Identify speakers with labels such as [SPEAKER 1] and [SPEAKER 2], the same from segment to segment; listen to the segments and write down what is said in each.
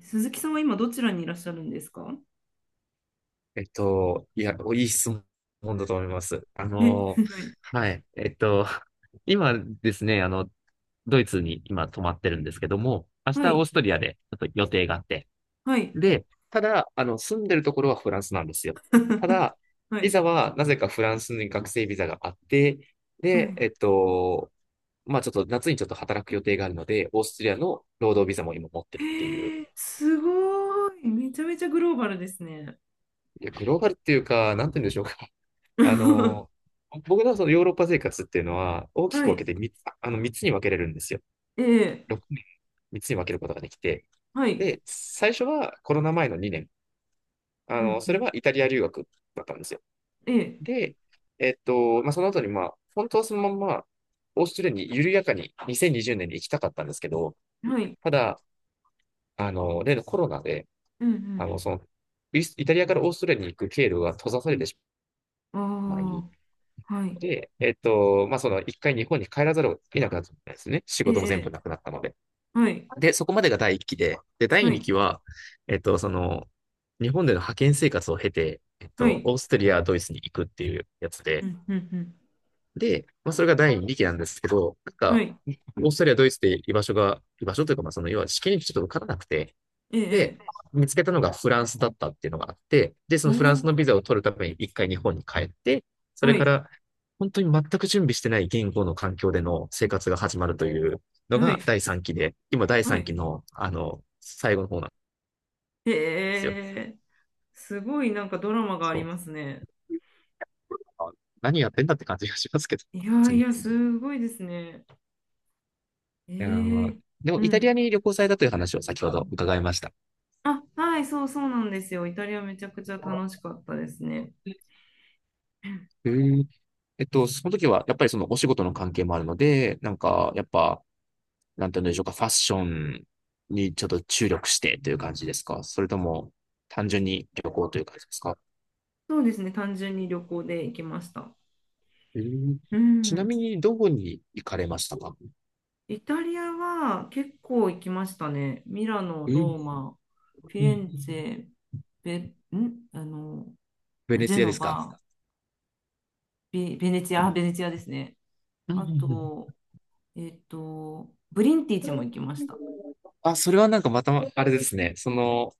[SPEAKER 1] 鈴木さんは今どちらにいらっしゃるんですか？
[SPEAKER 2] いや、いい質問だと思います。
[SPEAKER 1] え、はい。
[SPEAKER 2] はい。今ですね、ドイツに今泊まってるんですけども、明
[SPEAKER 1] は
[SPEAKER 2] 日オー
[SPEAKER 1] い。
[SPEAKER 2] ストリアでちょっと予定があって。
[SPEAKER 1] はい。
[SPEAKER 2] で、ただ、住んでるところはフランスなんですよ。た だ、
[SPEAKER 1] は
[SPEAKER 2] ビ
[SPEAKER 1] い。
[SPEAKER 2] ザはなぜかフランスに学生ビザがあって、
[SPEAKER 1] は
[SPEAKER 2] で、
[SPEAKER 1] い。
[SPEAKER 2] まあちょっと夏にちょっと働く予定があるので、オーストリアの労働ビザも今持ってる
[SPEAKER 1] へ
[SPEAKER 2] っていう。
[SPEAKER 1] ー、すごい。めちゃめちゃグローバルですね。
[SPEAKER 2] いや、グローバルっていうか、なんて言うんでしょうか。あの、僕のそのヨーロッパ生活っていうのは、大き
[SPEAKER 1] は
[SPEAKER 2] く分け
[SPEAKER 1] い。
[SPEAKER 2] て3つに分けれるんですよ。
[SPEAKER 1] ええ。
[SPEAKER 2] 6年、3つに分けることができて。
[SPEAKER 1] はい。
[SPEAKER 2] で、最初はコロナ前の2年。
[SPEAKER 1] うんう
[SPEAKER 2] それ
[SPEAKER 1] ん。
[SPEAKER 2] はイタリア留学だったんですよ。
[SPEAKER 1] ええ。
[SPEAKER 2] で、まあ、その後に、まあ、本当はそのまんま、オーストラリアに緩やかに2020年にじゅうねんに行きたかったんですけど、
[SPEAKER 1] はい。
[SPEAKER 2] ただ、例のコロナで、
[SPEAKER 1] うんう
[SPEAKER 2] あの、
[SPEAKER 1] ん。
[SPEAKER 2] その、イタリアからオーストラリアに行く経路が閉ざされてし
[SPEAKER 1] あ
[SPEAKER 2] まい、
[SPEAKER 1] あ。はい。
[SPEAKER 2] で、まあ、その一回日本に帰らざるを得なくなったんですね。仕
[SPEAKER 1] え
[SPEAKER 2] 事も全部
[SPEAKER 1] え。
[SPEAKER 2] なくなったので。
[SPEAKER 1] はい。
[SPEAKER 2] で、そこまでが第一期で、で、第
[SPEAKER 1] は
[SPEAKER 2] 二期
[SPEAKER 1] い。
[SPEAKER 2] は、えっと、その、日本での派遣生活を経て、
[SPEAKER 1] はい。
[SPEAKER 2] オーストリア、ドイツに行くっていうやつ
[SPEAKER 1] う
[SPEAKER 2] で、
[SPEAKER 1] んうん
[SPEAKER 2] で、まあ、それが第二期なんですけど、なん
[SPEAKER 1] うん。は
[SPEAKER 2] か、
[SPEAKER 1] い。
[SPEAKER 2] オーストリア、ドイツで居場所が、居場所というか、まあ、その、要は試験にちょっと受からなくて、
[SPEAKER 1] え
[SPEAKER 2] で、
[SPEAKER 1] え。
[SPEAKER 2] 見つけたのがフランスだったっていうのがあって、で、そ
[SPEAKER 1] お
[SPEAKER 2] のフランス
[SPEAKER 1] お。
[SPEAKER 2] のビザを取るために一回日本に帰って、それ
[SPEAKER 1] は
[SPEAKER 2] か
[SPEAKER 1] い。
[SPEAKER 2] ら本当に全く準備してない言語の環境での生活が始まるというの
[SPEAKER 1] は
[SPEAKER 2] が
[SPEAKER 1] い。
[SPEAKER 2] 第3期で、今第
[SPEAKER 1] は
[SPEAKER 2] 3
[SPEAKER 1] い。
[SPEAKER 2] 期の、最後の方なんで
[SPEAKER 1] え
[SPEAKER 2] すよ。
[SPEAKER 1] え。すごいなんかドラマがあ
[SPEAKER 2] そ
[SPEAKER 1] り
[SPEAKER 2] う。
[SPEAKER 1] ますね。
[SPEAKER 2] あ、何やってんだって感じがしますけど、
[SPEAKER 1] いやい
[SPEAKER 2] 次。
[SPEAKER 1] や、
[SPEAKER 2] い
[SPEAKER 1] すごいですね。え
[SPEAKER 2] やー、
[SPEAKER 1] ー、
[SPEAKER 2] でも、
[SPEAKER 1] う
[SPEAKER 2] イタリア
[SPEAKER 1] ん。
[SPEAKER 2] に旅行されたという話を先ほど伺いました。
[SPEAKER 1] あ、はい、そうそうなんですよ。イタリアめちゃくちゃ楽しかったですね。
[SPEAKER 2] へー、その時は、やっぱりそのお仕事の関係もあるので、なんか、やっぱ、なんていうんでしょうか、ファッションにちょっと注力してという感じですか？それとも、単純に旅行という感じですか？
[SPEAKER 1] そうですね、単純に旅行で行きました。
[SPEAKER 2] えー
[SPEAKER 1] う
[SPEAKER 2] ちな
[SPEAKER 1] ん。
[SPEAKER 2] みに、どこに行かれましたか？
[SPEAKER 1] イタリアは結構行きましたね。ミラノ、
[SPEAKER 2] うん
[SPEAKER 1] ローマ、フィ
[SPEAKER 2] う
[SPEAKER 1] レンツ
[SPEAKER 2] ん。
[SPEAKER 1] ェ、ベ、んあの、
[SPEAKER 2] ベネ
[SPEAKER 1] ジェ
[SPEAKER 2] ツィアで
[SPEAKER 1] ノ
[SPEAKER 2] すか？
[SPEAKER 1] バ、ベ、ベネチ
[SPEAKER 2] う
[SPEAKER 1] ア、あ、
[SPEAKER 2] ん
[SPEAKER 1] ベネチアですね。
[SPEAKER 2] うんう
[SPEAKER 1] あ
[SPEAKER 2] ん。
[SPEAKER 1] と、ブリンティチも行きました。
[SPEAKER 2] あ、それはなんかまた、あれですね、その、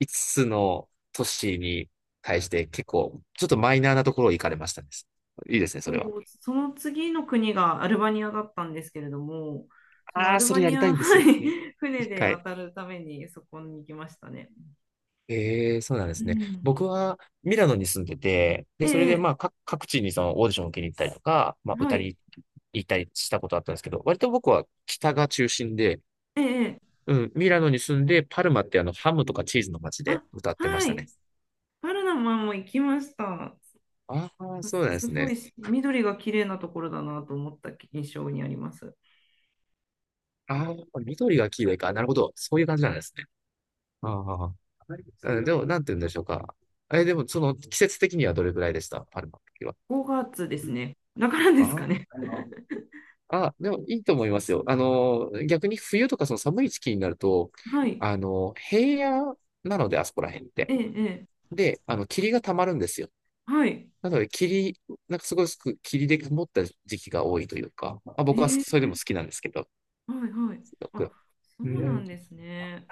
[SPEAKER 2] 5つの都市に対して結構、ちょっとマイナーなところを行かれましたです。いいですね、そ
[SPEAKER 1] そ
[SPEAKER 2] れは。
[SPEAKER 1] う、その次の国がアルバニアだったんですけれども、そのア
[SPEAKER 2] ああ、
[SPEAKER 1] ル
[SPEAKER 2] そ
[SPEAKER 1] バ
[SPEAKER 2] れや
[SPEAKER 1] ニ
[SPEAKER 2] りた
[SPEAKER 1] ア、
[SPEAKER 2] いんです
[SPEAKER 1] は
[SPEAKER 2] よね。
[SPEAKER 1] い、船
[SPEAKER 2] 一
[SPEAKER 1] で
[SPEAKER 2] 回。
[SPEAKER 1] 渡るためにそこに行きましたね。
[SPEAKER 2] ええ、そうなんで
[SPEAKER 1] う
[SPEAKER 2] すね。
[SPEAKER 1] ん。
[SPEAKER 2] 僕はミラノに住んでて、
[SPEAKER 1] え
[SPEAKER 2] で、それで
[SPEAKER 1] え、
[SPEAKER 2] まあ、各地にそのオーディションを受けに行ったりとか、まあ、
[SPEAKER 1] は
[SPEAKER 2] 歌
[SPEAKER 1] い、
[SPEAKER 2] に行ったりしたことあったんですけど、割と僕は北が中心で、
[SPEAKER 1] ええ、
[SPEAKER 2] うん、ミラノに住んで、パルマってハムとかチーズの街で
[SPEAKER 1] あ、
[SPEAKER 2] 歌ってまし
[SPEAKER 1] は
[SPEAKER 2] た
[SPEAKER 1] い、
[SPEAKER 2] ね。
[SPEAKER 1] パルナマも行きました。
[SPEAKER 2] ああ、そうなん
[SPEAKER 1] す
[SPEAKER 2] で
[SPEAKER 1] す
[SPEAKER 2] す
[SPEAKER 1] ご
[SPEAKER 2] ね。
[SPEAKER 1] いし緑が綺麗なところだなと思った印象にあります。
[SPEAKER 2] ああ、緑が黄色いか。なるほど。そういう感じなんですね。ああ、うん、でも、なんて言うんでしょうか。え、でも、その、季節的にはどれぐらいでした？パルマの時は。
[SPEAKER 1] 5月ですね。だからですか
[SPEAKER 2] あ
[SPEAKER 1] ね。
[SPEAKER 2] あ。あ、でもいいと思いますよ。逆に冬とかその寒い時期になると、
[SPEAKER 1] はい、
[SPEAKER 2] 平野なので、あそこら辺って。
[SPEAKER 1] ええ、ええ、
[SPEAKER 2] で、霧が溜まるんですよ。
[SPEAKER 1] はい、
[SPEAKER 2] なので、霧、なんかすごいすく霧で曇った時期が多いというか、あ、僕は
[SPEAKER 1] え
[SPEAKER 2] それでも
[SPEAKER 1] え、
[SPEAKER 2] 好きなんですけど、
[SPEAKER 1] はい、はい。
[SPEAKER 2] すご
[SPEAKER 1] あ、
[SPEAKER 2] く。
[SPEAKER 1] そ
[SPEAKER 2] う
[SPEAKER 1] うな
[SPEAKER 2] ん。
[SPEAKER 1] んですね。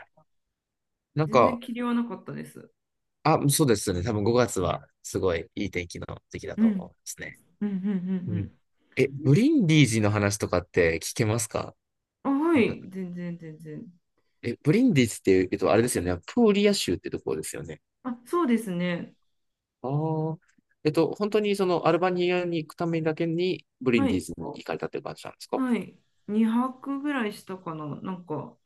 [SPEAKER 2] なん
[SPEAKER 1] 全然
[SPEAKER 2] か、
[SPEAKER 1] 霧はなかったです。
[SPEAKER 2] あ、そうですね。多分5月はすごいいい天気の時期だ
[SPEAKER 1] う
[SPEAKER 2] と
[SPEAKER 1] ん
[SPEAKER 2] 思いますね。
[SPEAKER 1] うんうんう
[SPEAKER 2] うん。
[SPEAKER 1] ん
[SPEAKER 2] え、ブリンディージの話とかって聞けますか？
[SPEAKER 1] うん。あ、は
[SPEAKER 2] なん
[SPEAKER 1] い、
[SPEAKER 2] か、
[SPEAKER 1] 全然全然。
[SPEAKER 2] え、ブリンディージっていうと、あれですよね。プーリア州ってところですよね。
[SPEAKER 1] あ、そうですね。
[SPEAKER 2] ああ。本当にそのアルバニアに行くためだけにブリン
[SPEAKER 1] は
[SPEAKER 2] ディ
[SPEAKER 1] い、
[SPEAKER 2] ーズに行かれたっていう感じなんですか？
[SPEAKER 1] はい。2泊ぐらいしたかな。なんか、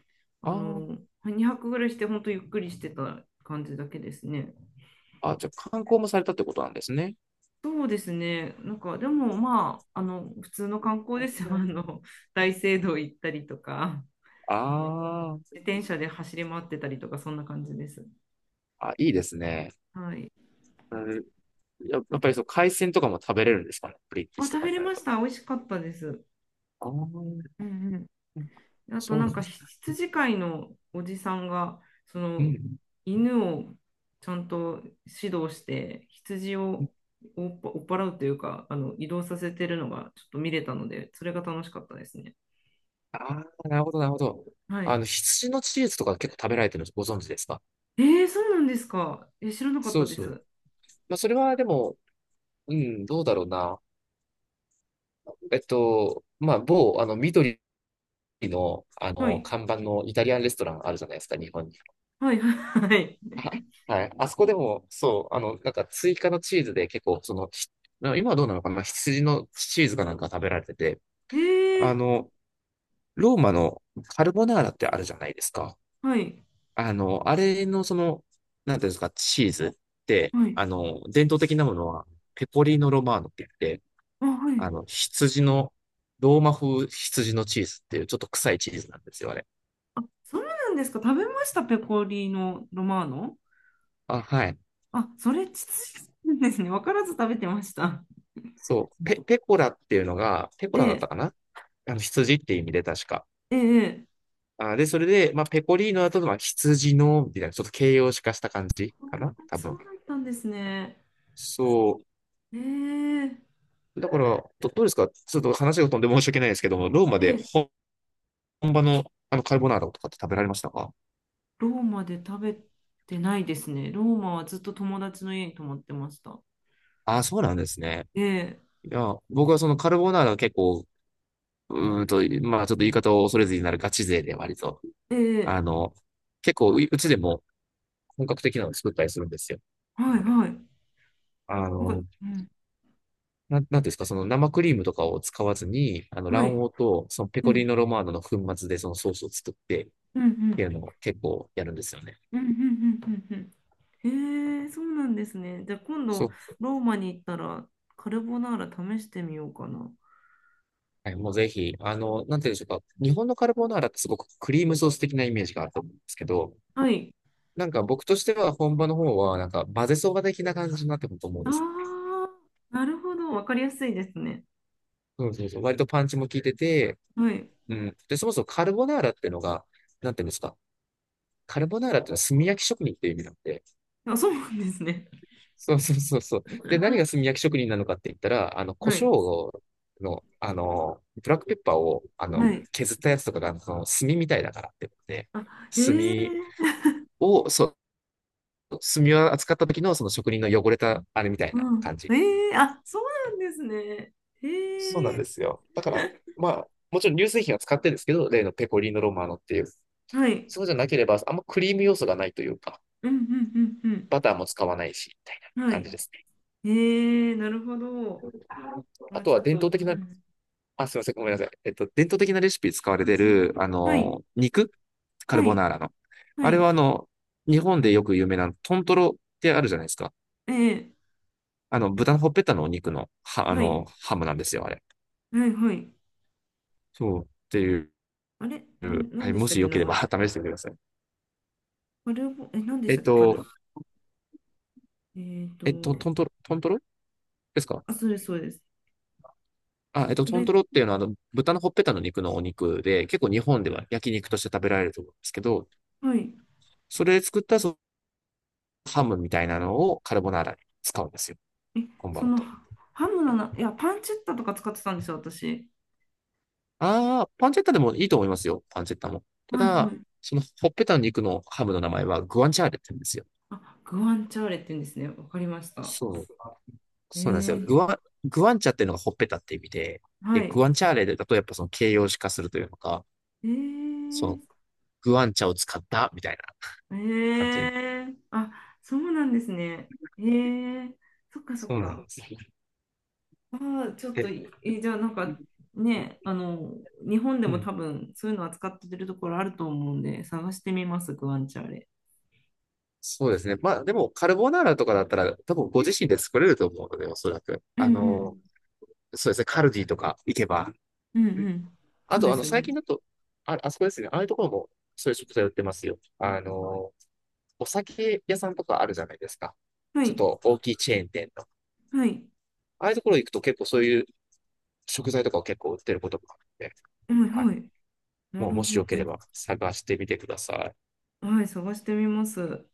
[SPEAKER 1] あ
[SPEAKER 2] あ
[SPEAKER 1] の、2泊ぐらいして、本当ゆっくりしてた感じだけですね。
[SPEAKER 2] あ。あ、じゃあ観光もされたってことなんですね。
[SPEAKER 1] そうですね。なんか、でもまあ、普通の観光ですよ。大聖堂行ったりとか、
[SPEAKER 2] あー、
[SPEAKER 1] 自転車で走り回ってたりとか、そんな感じです。
[SPEAKER 2] あ、いいですね。
[SPEAKER 1] はい。
[SPEAKER 2] うん、ややっぱりそう、海鮮とかも食べれるんですかね。ブリンディー
[SPEAKER 1] あ、
[SPEAKER 2] ズと
[SPEAKER 1] 食
[SPEAKER 2] か
[SPEAKER 1] べ
[SPEAKER 2] に
[SPEAKER 1] れ
[SPEAKER 2] なる
[SPEAKER 1] ま
[SPEAKER 2] と。
[SPEAKER 1] した。美味しかったです。
[SPEAKER 2] ああ、
[SPEAKER 1] うんうん、あと
[SPEAKER 2] そう
[SPEAKER 1] な
[SPEAKER 2] な
[SPEAKER 1] ん
[SPEAKER 2] んで
[SPEAKER 1] か
[SPEAKER 2] す。
[SPEAKER 1] 羊飼いのおじさんがそ
[SPEAKER 2] う
[SPEAKER 1] の
[SPEAKER 2] ん。
[SPEAKER 1] 犬をちゃんと指導して羊を追っ払うというか移動させてるのがちょっと見れたのでそれが楽しかったですね。
[SPEAKER 2] ああ、なるほど、なるほど。
[SPEAKER 1] はい。
[SPEAKER 2] 羊のチーズとか結構食べられてるのご存知ですか？
[SPEAKER 1] えー、そうなんですか。え、知らなかっ
[SPEAKER 2] そ
[SPEAKER 1] た
[SPEAKER 2] う
[SPEAKER 1] で
[SPEAKER 2] そう。
[SPEAKER 1] す。
[SPEAKER 2] まあ、それはでも、うん、どうだろうな。まあ、某、緑の、
[SPEAKER 1] はい。
[SPEAKER 2] 看板のイタリアンレストランあるじゃないですか、日本に。
[SPEAKER 1] はい。はい。
[SPEAKER 2] あはい。あそこでも、そう、なんか追加のチーズで結構、その、今はどうなのかな、羊のチーズかなんか食べられてて、
[SPEAKER 1] え
[SPEAKER 2] あ
[SPEAKER 1] ー、
[SPEAKER 2] の、ローマのカルボナーラってあるじゃないですか。
[SPEAKER 1] はい。
[SPEAKER 2] あれのその、なんていうんですか、チーズって、
[SPEAKER 1] はい。
[SPEAKER 2] 伝統的なものは、ペコリーノ・ロマーノって言って、
[SPEAKER 1] あ、はい。
[SPEAKER 2] 羊の、ローマ風羊のチーズっていうちょっと臭いチーズなんですよ、あれ。
[SPEAKER 1] あ、そうなんですか。食べました、ペコリーノ・ロマーノ。
[SPEAKER 2] あ、はい。
[SPEAKER 1] あ、それ、ですね。わからず食べてました。
[SPEAKER 2] そう。ペコラっていうのが、ペコラだっ
[SPEAKER 1] ええ
[SPEAKER 2] たかな。羊っていう意味で確か。
[SPEAKER 1] えええ、
[SPEAKER 2] あ、で、それで、まあ、ペコリーノだと、まあ、羊の、みたいな、ちょっと形容詞化した感じ
[SPEAKER 1] あー、
[SPEAKER 2] かな多
[SPEAKER 1] そう
[SPEAKER 2] 分。
[SPEAKER 1] だったんですね。
[SPEAKER 2] そ
[SPEAKER 1] えー、
[SPEAKER 2] う。だから、どうですか、ちょっと話が飛んで申し訳ないですけども、ローマで
[SPEAKER 1] え、
[SPEAKER 2] 本場の、カルボナーラとかって食べられましたか？
[SPEAKER 1] ローマで食べてないですね。ローマはずっと友達の家に泊まってました。
[SPEAKER 2] あ、そうなんですね。
[SPEAKER 1] ええ
[SPEAKER 2] いや、僕はそのカルボナーラは結構、うーんと、まあ、ちょっと言い方を恐れずになるガチ勢で割と、あ
[SPEAKER 1] ええ、
[SPEAKER 2] の、結構、うちでも本格的なのを作ったりするんですよ。
[SPEAKER 1] はいはい。
[SPEAKER 2] あ
[SPEAKER 1] なんか、
[SPEAKER 2] の、
[SPEAKER 1] うん、
[SPEAKER 2] なんていうんですか、その生クリームとかを使わずに、
[SPEAKER 1] はい。
[SPEAKER 2] 卵黄と、そのペ
[SPEAKER 1] う
[SPEAKER 2] コリー
[SPEAKER 1] ん、
[SPEAKER 2] ノロマーノの粉末でそのソースを作ってっ
[SPEAKER 1] うん、う
[SPEAKER 2] ていう
[SPEAKER 1] ん、
[SPEAKER 2] のを結構やるんですよね。
[SPEAKER 1] うん、うん、うん、うんうん。ええ、そうなんですね。じゃあ今
[SPEAKER 2] そ
[SPEAKER 1] 度、
[SPEAKER 2] う。
[SPEAKER 1] ローマに行ったら、カルボナーラ試してみようかな。
[SPEAKER 2] はい、もうぜひ、なんていうんでしょうか。日本のカルボナーラってすごくクリームソース的なイメージがあると思うんですけど、
[SPEAKER 1] はい。
[SPEAKER 2] なんか僕としては本場の方は、なんか混ぜそば的な感じになってくると思うん
[SPEAKER 1] あ
[SPEAKER 2] ですよ。
[SPEAKER 1] あ、なるほど。わかりやすいですね。
[SPEAKER 2] そうそうそう。割とパンチも効いてて、
[SPEAKER 1] はい。
[SPEAKER 2] うん。で、そもそもカルボナーラっていうのが、なんていうんですか。カルボナーラっていうのは炭焼き職人っていう意味なんで、
[SPEAKER 1] あ、そうなんですね。
[SPEAKER 2] そうそうそうそう。で、何が炭焼き職人なのかって言ったら、胡
[SPEAKER 1] はい。
[SPEAKER 2] 椒の、ブラックペッパーを、
[SPEAKER 1] はい。
[SPEAKER 2] 削ったやつとかが、その、炭みたいだからってことで、
[SPEAKER 1] あ、へ
[SPEAKER 2] 炭
[SPEAKER 1] え、
[SPEAKER 2] を、そう、炭を扱った時の、その職人の汚れた、あれみたいな
[SPEAKER 1] う
[SPEAKER 2] 感
[SPEAKER 1] ん。
[SPEAKER 2] じ。
[SPEAKER 1] ええ、あ、そうなんですね。
[SPEAKER 2] そうな
[SPEAKER 1] え
[SPEAKER 2] ん
[SPEAKER 1] え、
[SPEAKER 2] ですよ。だから、まあ、もちろん乳製品は使ってるんですけど、例のペコリーノロマーノっていう。
[SPEAKER 1] はい。
[SPEAKER 2] そうじゃなければ、あんまクリーム要素がないというか、
[SPEAKER 1] うんうんうん
[SPEAKER 2] バターも使わないし、みたいな
[SPEAKER 1] うん。は
[SPEAKER 2] 感じ
[SPEAKER 1] い。
[SPEAKER 2] ですね。
[SPEAKER 1] ええ、なるほど。
[SPEAKER 2] あ
[SPEAKER 1] あ、
[SPEAKER 2] と
[SPEAKER 1] ち
[SPEAKER 2] は
[SPEAKER 1] ょっ
[SPEAKER 2] 伝統
[SPEAKER 1] と、
[SPEAKER 2] 的
[SPEAKER 1] う
[SPEAKER 2] な、
[SPEAKER 1] ん。
[SPEAKER 2] あ、すいません、ごめんなさい。伝統的なレシピ使われてる、
[SPEAKER 1] はい。
[SPEAKER 2] 肉、カル
[SPEAKER 1] は
[SPEAKER 2] ボ
[SPEAKER 1] い。
[SPEAKER 2] ナーラの。
[SPEAKER 1] は
[SPEAKER 2] あれ
[SPEAKER 1] い。
[SPEAKER 2] は、日本でよく有名なトントロってあるじゃないですか。
[SPEAKER 1] ええ、
[SPEAKER 2] 豚のほっぺたのお肉の、は、
[SPEAKER 1] はい。
[SPEAKER 2] ハムなんですよ、あれ。
[SPEAKER 1] はい。はい。
[SPEAKER 2] そう。っていう、
[SPEAKER 1] あれ、なん、な
[SPEAKER 2] は
[SPEAKER 1] ん
[SPEAKER 2] い、
[SPEAKER 1] でし
[SPEAKER 2] も
[SPEAKER 1] たっ
[SPEAKER 2] し
[SPEAKER 1] け、
[SPEAKER 2] よ
[SPEAKER 1] 名
[SPEAKER 2] ければ 試
[SPEAKER 1] 前。
[SPEAKER 2] してみてください。
[SPEAKER 1] カルボ、え、なんでし
[SPEAKER 2] え
[SPEAKER 1] た
[SPEAKER 2] っ
[SPEAKER 1] っけ。
[SPEAKER 2] と、
[SPEAKER 1] えっと、
[SPEAKER 2] トントロですか？
[SPEAKER 1] あ、それそうです。
[SPEAKER 2] あ、
[SPEAKER 1] そ
[SPEAKER 2] トン
[SPEAKER 1] れ、
[SPEAKER 2] トロっていうのは、豚のほっぺたの肉のお肉で、結構日本では焼肉として食べられると思うんですけど、
[SPEAKER 1] はい。
[SPEAKER 2] それで作ったそのハムみたいなのをカルボナーラに使うんですよ、
[SPEAKER 1] え、
[SPEAKER 2] 本
[SPEAKER 1] そ
[SPEAKER 2] 場だ
[SPEAKER 1] の、
[SPEAKER 2] と。
[SPEAKER 1] ハムのな、いや、パンチェッタとか使ってたんですよ、私。
[SPEAKER 2] ああ、パンチェッタでもいいと思いますよ。パンチェッタも。た
[SPEAKER 1] はいは
[SPEAKER 2] だ、
[SPEAKER 1] い。
[SPEAKER 2] そのほっぺたの肉のハムの名前はグアンチャーレって言うんですよ。
[SPEAKER 1] あ、グアンチャーレって言うんですね。わかりました。
[SPEAKER 2] そう。そうなんですよ。グ
[SPEAKER 1] ええ、
[SPEAKER 2] ワグワンチャっていうのがほっぺたって意味で、
[SPEAKER 1] は
[SPEAKER 2] で、グ
[SPEAKER 1] い。
[SPEAKER 2] ワンチャーレだとやっぱその形容詞化するというのか、
[SPEAKER 1] え
[SPEAKER 2] そ
[SPEAKER 1] ー、
[SPEAKER 2] のグワンチャを使ったみたいな感
[SPEAKER 1] え
[SPEAKER 2] じ。
[SPEAKER 1] ー、あ、そうなんですね。えー、そっかそっ
[SPEAKER 2] そうなんで
[SPEAKER 1] か。
[SPEAKER 2] すね。
[SPEAKER 1] あー、ちょっと
[SPEAKER 2] で、
[SPEAKER 1] じゃあなんかね、日本で
[SPEAKER 2] う
[SPEAKER 1] も
[SPEAKER 2] ん。
[SPEAKER 1] 多分そういうの扱ってるところあると思うんで、探してみます、グアンチャーレ。
[SPEAKER 2] そうですね。まあでも、カルボナーラとかだったら、多分ご自身で作れると思うので、おそらく。
[SPEAKER 1] うんうん。
[SPEAKER 2] そうですね。カルディとか行けば、
[SPEAKER 1] うんうん。そ
[SPEAKER 2] あ
[SPEAKER 1] うで
[SPEAKER 2] と、
[SPEAKER 1] すよ
[SPEAKER 2] 最
[SPEAKER 1] ね。
[SPEAKER 2] 近だと、あ、あそこですね。ああいうところも、そういう食材売ってますよ。お酒屋さんとかあるじゃないですか。
[SPEAKER 1] は
[SPEAKER 2] ちょっ
[SPEAKER 1] い、
[SPEAKER 2] と大きいチェーン店の。
[SPEAKER 1] はい、
[SPEAKER 2] ああいうところ行くと結構そういう食材とかを結構売ってることもあって、
[SPEAKER 1] はい、
[SPEAKER 2] はい。
[SPEAKER 1] はい。な
[SPEAKER 2] もう、
[SPEAKER 1] る
[SPEAKER 2] もし
[SPEAKER 1] ほ
[SPEAKER 2] よけ
[SPEAKER 1] ど。
[SPEAKER 2] れば探してみてください。
[SPEAKER 1] はい、探してみます。